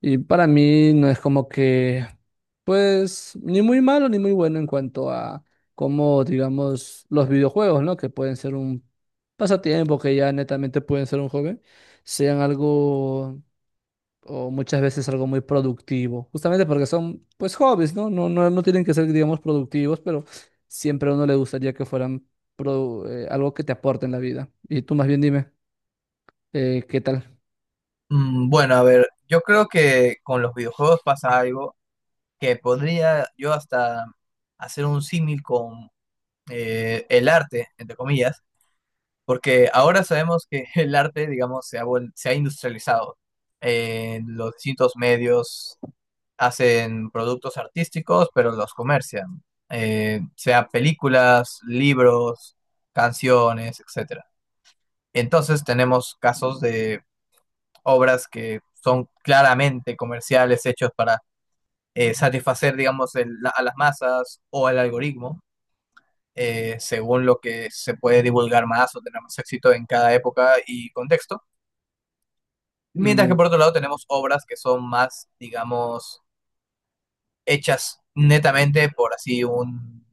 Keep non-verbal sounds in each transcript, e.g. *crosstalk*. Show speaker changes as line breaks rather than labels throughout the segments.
Y para mí no es como que, pues, ni muy malo ni muy bueno en cuanto a cómo, digamos, los videojuegos, ¿no? Que pueden ser un pasatiempo, que ya netamente pueden ser un hobby, sean algo, o muchas veces algo muy productivo, justamente porque son, pues, hobbies, ¿no? No, no, no tienen que ser, digamos, productivos, pero siempre a uno le gustaría que fueran algo que te aporte en la vida. Y tú más bien dime, ¿qué tal?
Bueno, a ver, yo creo que con los videojuegos pasa algo que podría yo hasta hacer un símil con el arte, entre comillas, porque ahora sabemos que *laughs* el arte, digamos, se ha industrializado. Los distintos medios hacen productos artísticos, pero los comercian. Sea películas, libros, canciones, etcétera. Entonces tenemos casos de obras que son claramente comerciales, hechos para satisfacer, digamos, a las masas o al algoritmo, según lo que se puede divulgar más o tener más éxito en cada época y contexto. Mientras que
Mm.
por otro lado tenemos obras que son más, digamos, hechas netamente por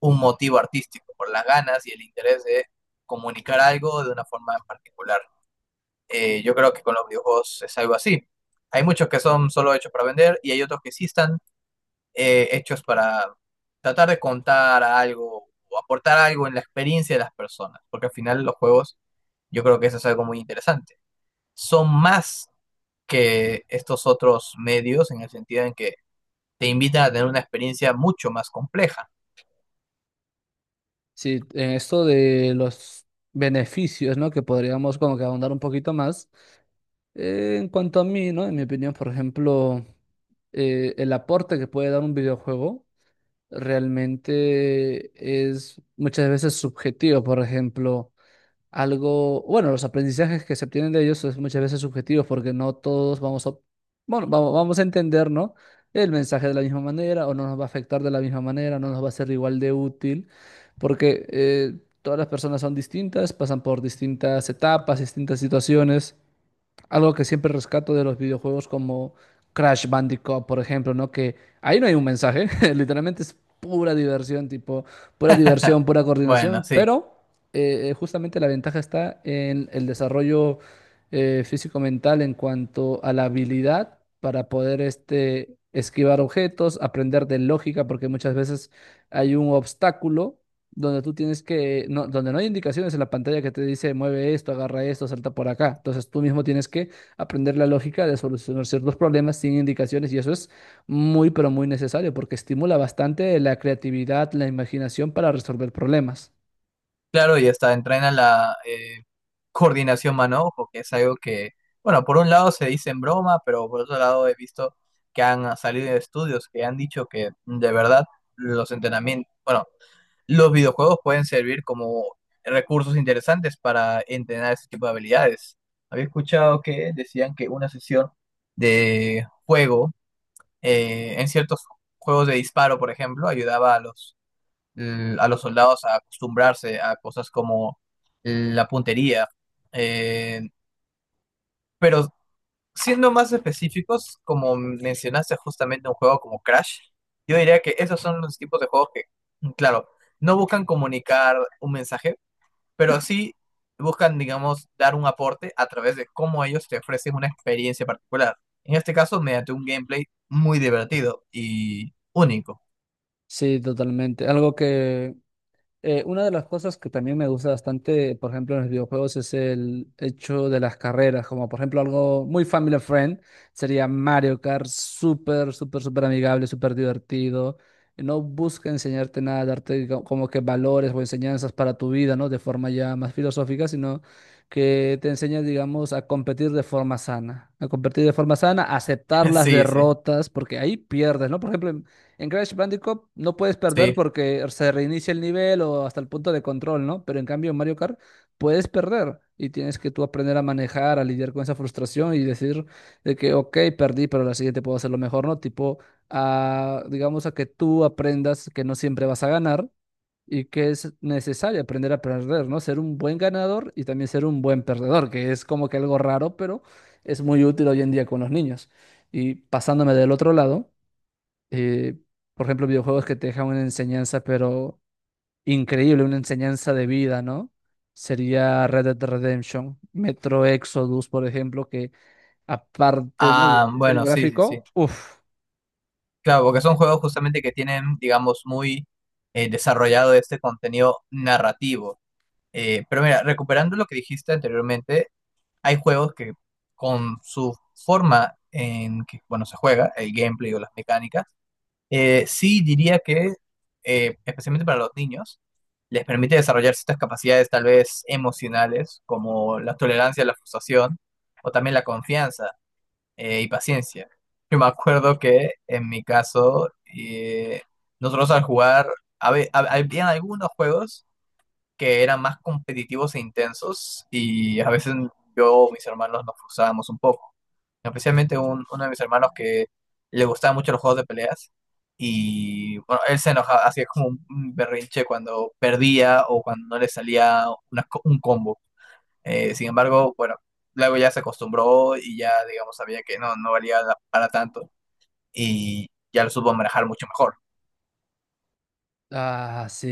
un motivo artístico, por las ganas y el interés de comunicar algo de una forma en particular. Yo creo que con los videojuegos es algo así. Hay muchos que son solo hechos para vender y hay otros que sí están hechos para tratar de contar algo o aportar algo en la experiencia de las personas, porque al final los juegos, yo creo que eso es algo muy interesante. Son más que estos otros medios en el sentido en que te invitan a tener una experiencia mucho más compleja.
Sí, en esto de los beneficios, ¿no? Que podríamos como que ahondar un poquito más. En cuanto a mí, ¿no? En mi opinión, por ejemplo, el aporte que puede dar un videojuego realmente es muchas veces subjetivo. Por ejemplo, algo, bueno, los aprendizajes que se obtienen de ellos es muchas veces subjetivos porque no todos vamos a, bueno, vamos a entender, ¿no? El mensaje de la misma manera o no nos va a afectar de la misma manera, no nos va a ser igual de útil porque todas las personas son distintas, pasan por distintas etapas, distintas situaciones. Algo que siempre rescato de los videojuegos como Crash Bandicoot, por ejemplo, ¿no? Que ahí no hay un mensaje, *laughs* literalmente es pura diversión, tipo, pura diversión,
*laughs*
pura coordinación,
Bueno, sí.
pero justamente la ventaja está en el desarrollo físico-mental en cuanto a la habilidad para poder este, esquivar objetos, aprender de lógica, porque muchas veces hay un obstáculo donde tú tienes que, no, donde no hay indicaciones en la pantalla que te dice mueve esto, agarra esto, salta por acá. Entonces tú mismo tienes que aprender la lógica de solucionar ciertos problemas sin indicaciones y eso es muy, pero muy necesario porque estimula bastante la creatividad, la imaginación para resolver problemas.
Claro, y hasta entrena la coordinación mano-ojo, que es algo que, bueno, por un lado se dice en broma, pero por otro lado he visto que han salido estudios que han dicho que de verdad los entrenamientos, bueno, los videojuegos pueden servir como recursos interesantes para entrenar ese tipo de habilidades. Había escuchado que decían que una sesión de juego en ciertos juegos de disparo, por ejemplo, ayudaba a los a los soldados a acostumbrarse a cosas como la puntería. Eh, pero siendo más específicos, como mencionaste justamente un juego como Crash, yo diría que esos son los tipos de juegos que, claro, no buscan comunicar un mensaje, pero sí buscan, digamos, dar un aporte a través de cómo ellos te ofrecen una experiencia particular. En este caso, mediante un gameplay muy divertido y único.
Sí, totalmente. Algo que una de las cosas que también me gusta bastante, por ejemplo, en los videojuegos es el hecho de las carreras, como por ejemplo algo muy family friend, sería Mario Kart, súper, súper, súper amigable, súper divertido. No busca enseñarte nada, como que valores o enseñanzas para tu vida, ¿no? De forma ya más filosófica, sino que te enseña, digamos, a competir de forma sana, a competir de forma sana, a aceptar
*laughs*
las
Sí, sí,
derrotas, porque ahí pierdes, ¿no? Por ejemplo, en Crash Bandicoot no puedes perder
sí.
porque se reinicia el nivel o hasta el punto de control, ¿no? Pero en cambio en Mario Kart puedes perder y tienes que tú aprender a manejar, a lidiar con esa frustración y decir de que, ok, perdí, pero la siguiente puedo hacerlo mejor, ¿no? Tipo, a, digamos a que tú aprendas que no siempre vas a ganar y que es necesario aprender a perder, ¿no? Ser un buen ganador y también ser un buen perdedor, que es como que algo raro, pero es muy útil hoy en día con los niños. Y pasándome del otro lado eh, por ejemplo, videojuegos que te dejan una enseñanza, pero increíble, una enseñanza de vida, ¿no? Sería Red Dead Redemption, Metro Exodus, por ejemplo, que aparte, ¿no? del
Ah,
diseño
bueno, sí, sí, sí.
gráfico, uff.
Claro, porque son juegos justamente que tienen, digamos, muy desarrollado este contenido narrativo. Pero mira, recuperando lo que dijiste anteriormente, hay juegos que con su forma en que, bueno, se juega, el gameplay o las mecánicas, sí diría que, especialmente para los niños, les permite desarrollar ciertas capacidades tal vez emocionales, como la tolerancia a la frustración o también la confianza y paciencia. Yo me acuerdo que en mi caso, nosotros al jugar, habían algunos juegos que eran más competitivos e intensos y a veces yo o mis hermanos nos frustrábamos un poco. Especialmente uno de mis hermanos que le gustaban mucho los juegos de peleas y bueno, él se enojaba, hacía como un berrinche cuando perdía o cuando no le salía un combo. Sin embargo, bueno, luego ya se acostumbró y ya, digamos, sabía que no, no valía para tanto y ya lo supo manejar mucho mejor.
Ah, sí.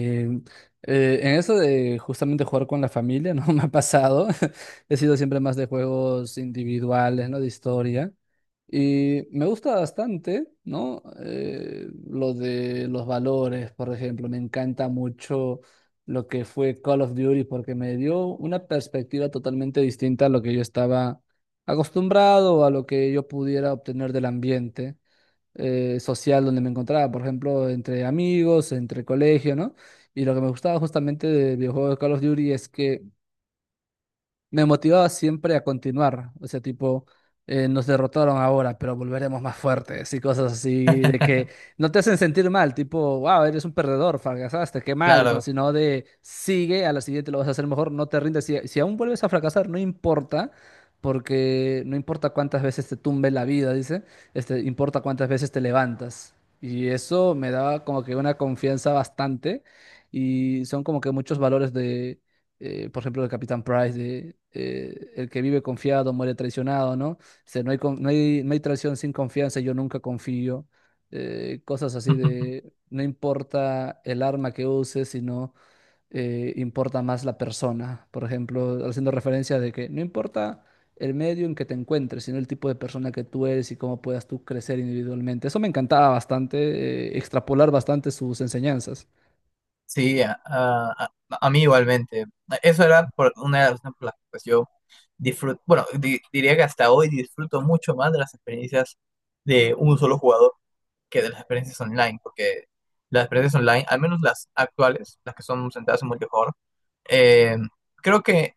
En eso de justamente jugar con la familia, no *laughs* me ha pasado. *laughs* He sido siempre más de juegos individuales, ¿no? De historia. Y me gusta bastante, ¿no? Lo de los valores, por ejemplo. Me encanta mucho lo que fue Call of Duty porque me dio una perspectiva totalmente distinta a lo que yo estaba acostumbrado, a lo que yo pudiera obtener del ambiente social donde me encontraba, por ejemplo, entre amigos, entre colegio, ¿no? Y lo que me gustaba justamente de videojuegos de Call of Duty es que me motivaba siempre a continuar. O sea, tipo, nos derrotaron ahora, pero volveremos más fuertes y cosas así, de que no te hacen sentir mal, tipo, wow, eres un perdedor, fracasaste, qué mal, ¿no?
Claro,
Sino de sigue, a la siguiente lo vas a hacer mejor, no te rindes. Si aún vuelves a fracasar, no importa. Porque no importa cuántas veces te tumbe la vida, dice, este, importa cuántas veces te levantas. Y eso me daba como que una confianza bastante y son como que muchos valores de por ejemplo, el Capitán Price, de, el que vive confiado muere traicionado, ¿no? O sea, no hay traición sin confianza, yo nunca confío. Cosas así
*laughs*
de, no importa el arma que uses, sino importa más la persona. Por ejemplo, haciendo referencia de que no importa el medio en que te encuentres, sino el tipo de persona que tú eres y cómo puedas tú crecer individualmente. Eso me encantaba bastante, extrapolar bastante sus enseñanzas.
sí, a mí igualmente. Eso era por una de las razones por las que, pues, yo disfruto, bueno, diría que hasta hoy disfruto mucho más de las experiencias de un solo jugador que de las experiencias online, porque las experiencias online, al menos las actuales, las que son centradas en multijugador, eh, creo que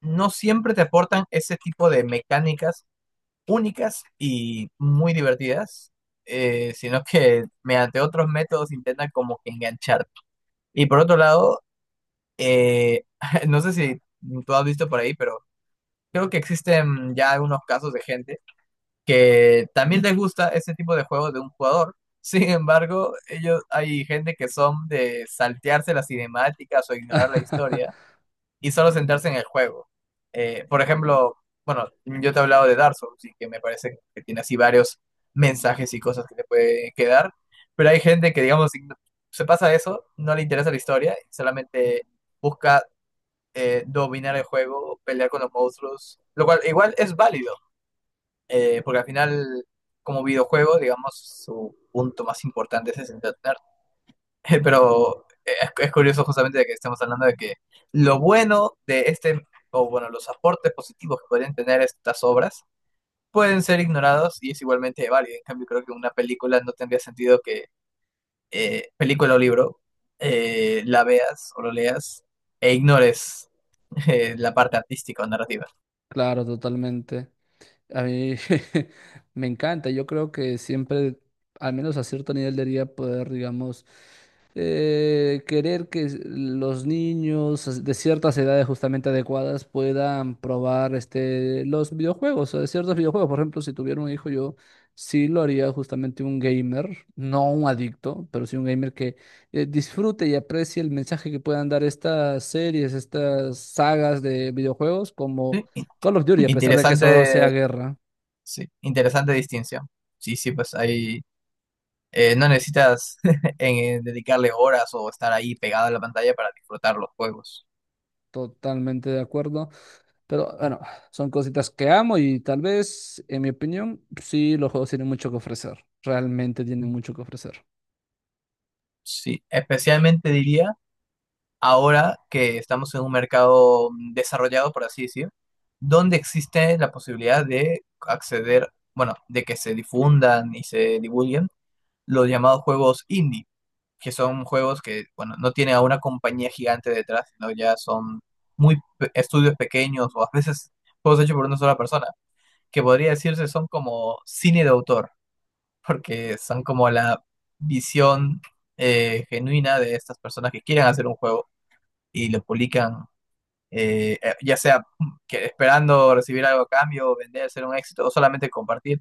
no siempre te aportan ese tipo de mecánicas únicas y muy divertidas, sino que mediante otros métodos intentan como que engancharte. Y por otro lado, eh, *laughs* no sé si tú has visto por ahí, pero creo que existen ya algunos casos de gente que también les gusta ese tipo de juegos de un jugador. *laughs* Sin embargo, ellos hay gente que son de saltearse las cinemáticas o ignorar la historia y solo centrarse en el juego. Por ejemplo, bueno, yo te he hablado de Dark Souls y que me parece que tiene así varios mensajes y cosas que te puede quedar, pero hay gente que, digamos, se pasa eso, no le interesa la historia, solamente busca dominar el juego, pelear con los monstruos, lo cual igual es válido, porque al final, como videojuego, digamos, su punto más importante es centrarse. *laughs* Pero es curioso justamente de que estemos hablando de que lo bueno de este, o bueno, los aportes positivos que pueden tener estas obras pueden ser ignorados y es igualmente válido. En cambio, creo que una película no tendría sentido que, película o libro, la veas o lo leas e ignores la parte artística o narrativa.
Claro, totalmente. A mí *laughs* me encanta, yo creo que siempre, al menos a cierto nivel, debería poder, digamos, querer que los niños de ciertas edades justamente adecuadas puedan probar este, los videojuegos, o de ciertos videojuegos. Por ejemplo, si tuviera un hijo, yo sí lo haría justamente un gamer, no un adicto, pero sí un gamer que disfrute y aprecie el mensaje que puedan dar estas series, estas sagas de videojuegos, como
Sí,
Call of Duty, a pesar de que eso sea
interesante,
guerra,
sí, interesante distinción. Sí, sí, pues ahí no necesitas *laughs* dedicarle horas o estar ahí pegado a la pantalla para disfrutar los juegos.
totalmente de acuerdo. Pero bueno, son cositas que amo y tal vez, en mi opinión, sí, los juegos tienen mucho que ofrecer. Realmente tienen mucho que ofrecer.
Sí, especialmente diría ahora que estamos en un mercado desarrollado, por así decir, donde existe la posibilidad de acceder, bueno, de que se difundan y se divulguen los llamados juegos indie, que son juegos que, bueno, no tienen a una compañía gigante detrás, sino ya son estudios pequeños o a veces juegos hechos por una sola persona. Que podría decirse son como cine de autor, porque son como la visión genuina de estas personas que quieren hacer un juego y lo publican, ya sea que esperando recibir algo a cambio, vender, ser un éxito, o solamente compartir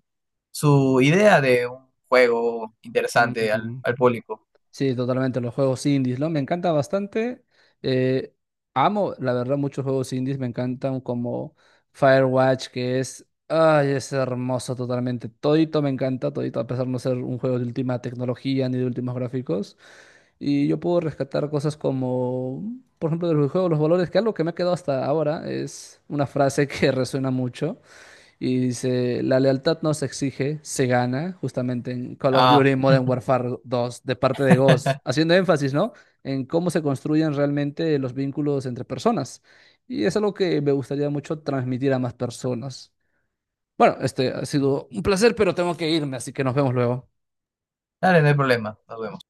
su idea de un juego interesante
Ujú.
al público.
Sí, totalmente, los juegos indies, ¿no? Me encanta bastante. eh, Amo, la verdad, muchos juegos indies. Me encantan como Firewatch, que es... Ay, es hermoso totalmente. Todito me encanta, todito, a pesar de no ser un juego de última tecnología ni de últimos gráficos. Y yo puedo rescatar cosas como, por ejemplo, del juego Los Valores, que algo que me ha quedado hasta ahora es una frase que *laughs* resuena mucho. Y dice, la lealtad no se exige, se gana, justamente en Call of
Ah,
Duty Modern Warfare 2, de parte de Ghost,
*laughs*
haciendo énfasis, ¿no? En cómo se construyen realmente los vínculos entre personas. Y es algo que me gustaría mucho transmitir a más personas. Bueno, este ha sido un placer, pero tengo que irme, así que nos vemos luego.
dale, no hay problema, nos vemos.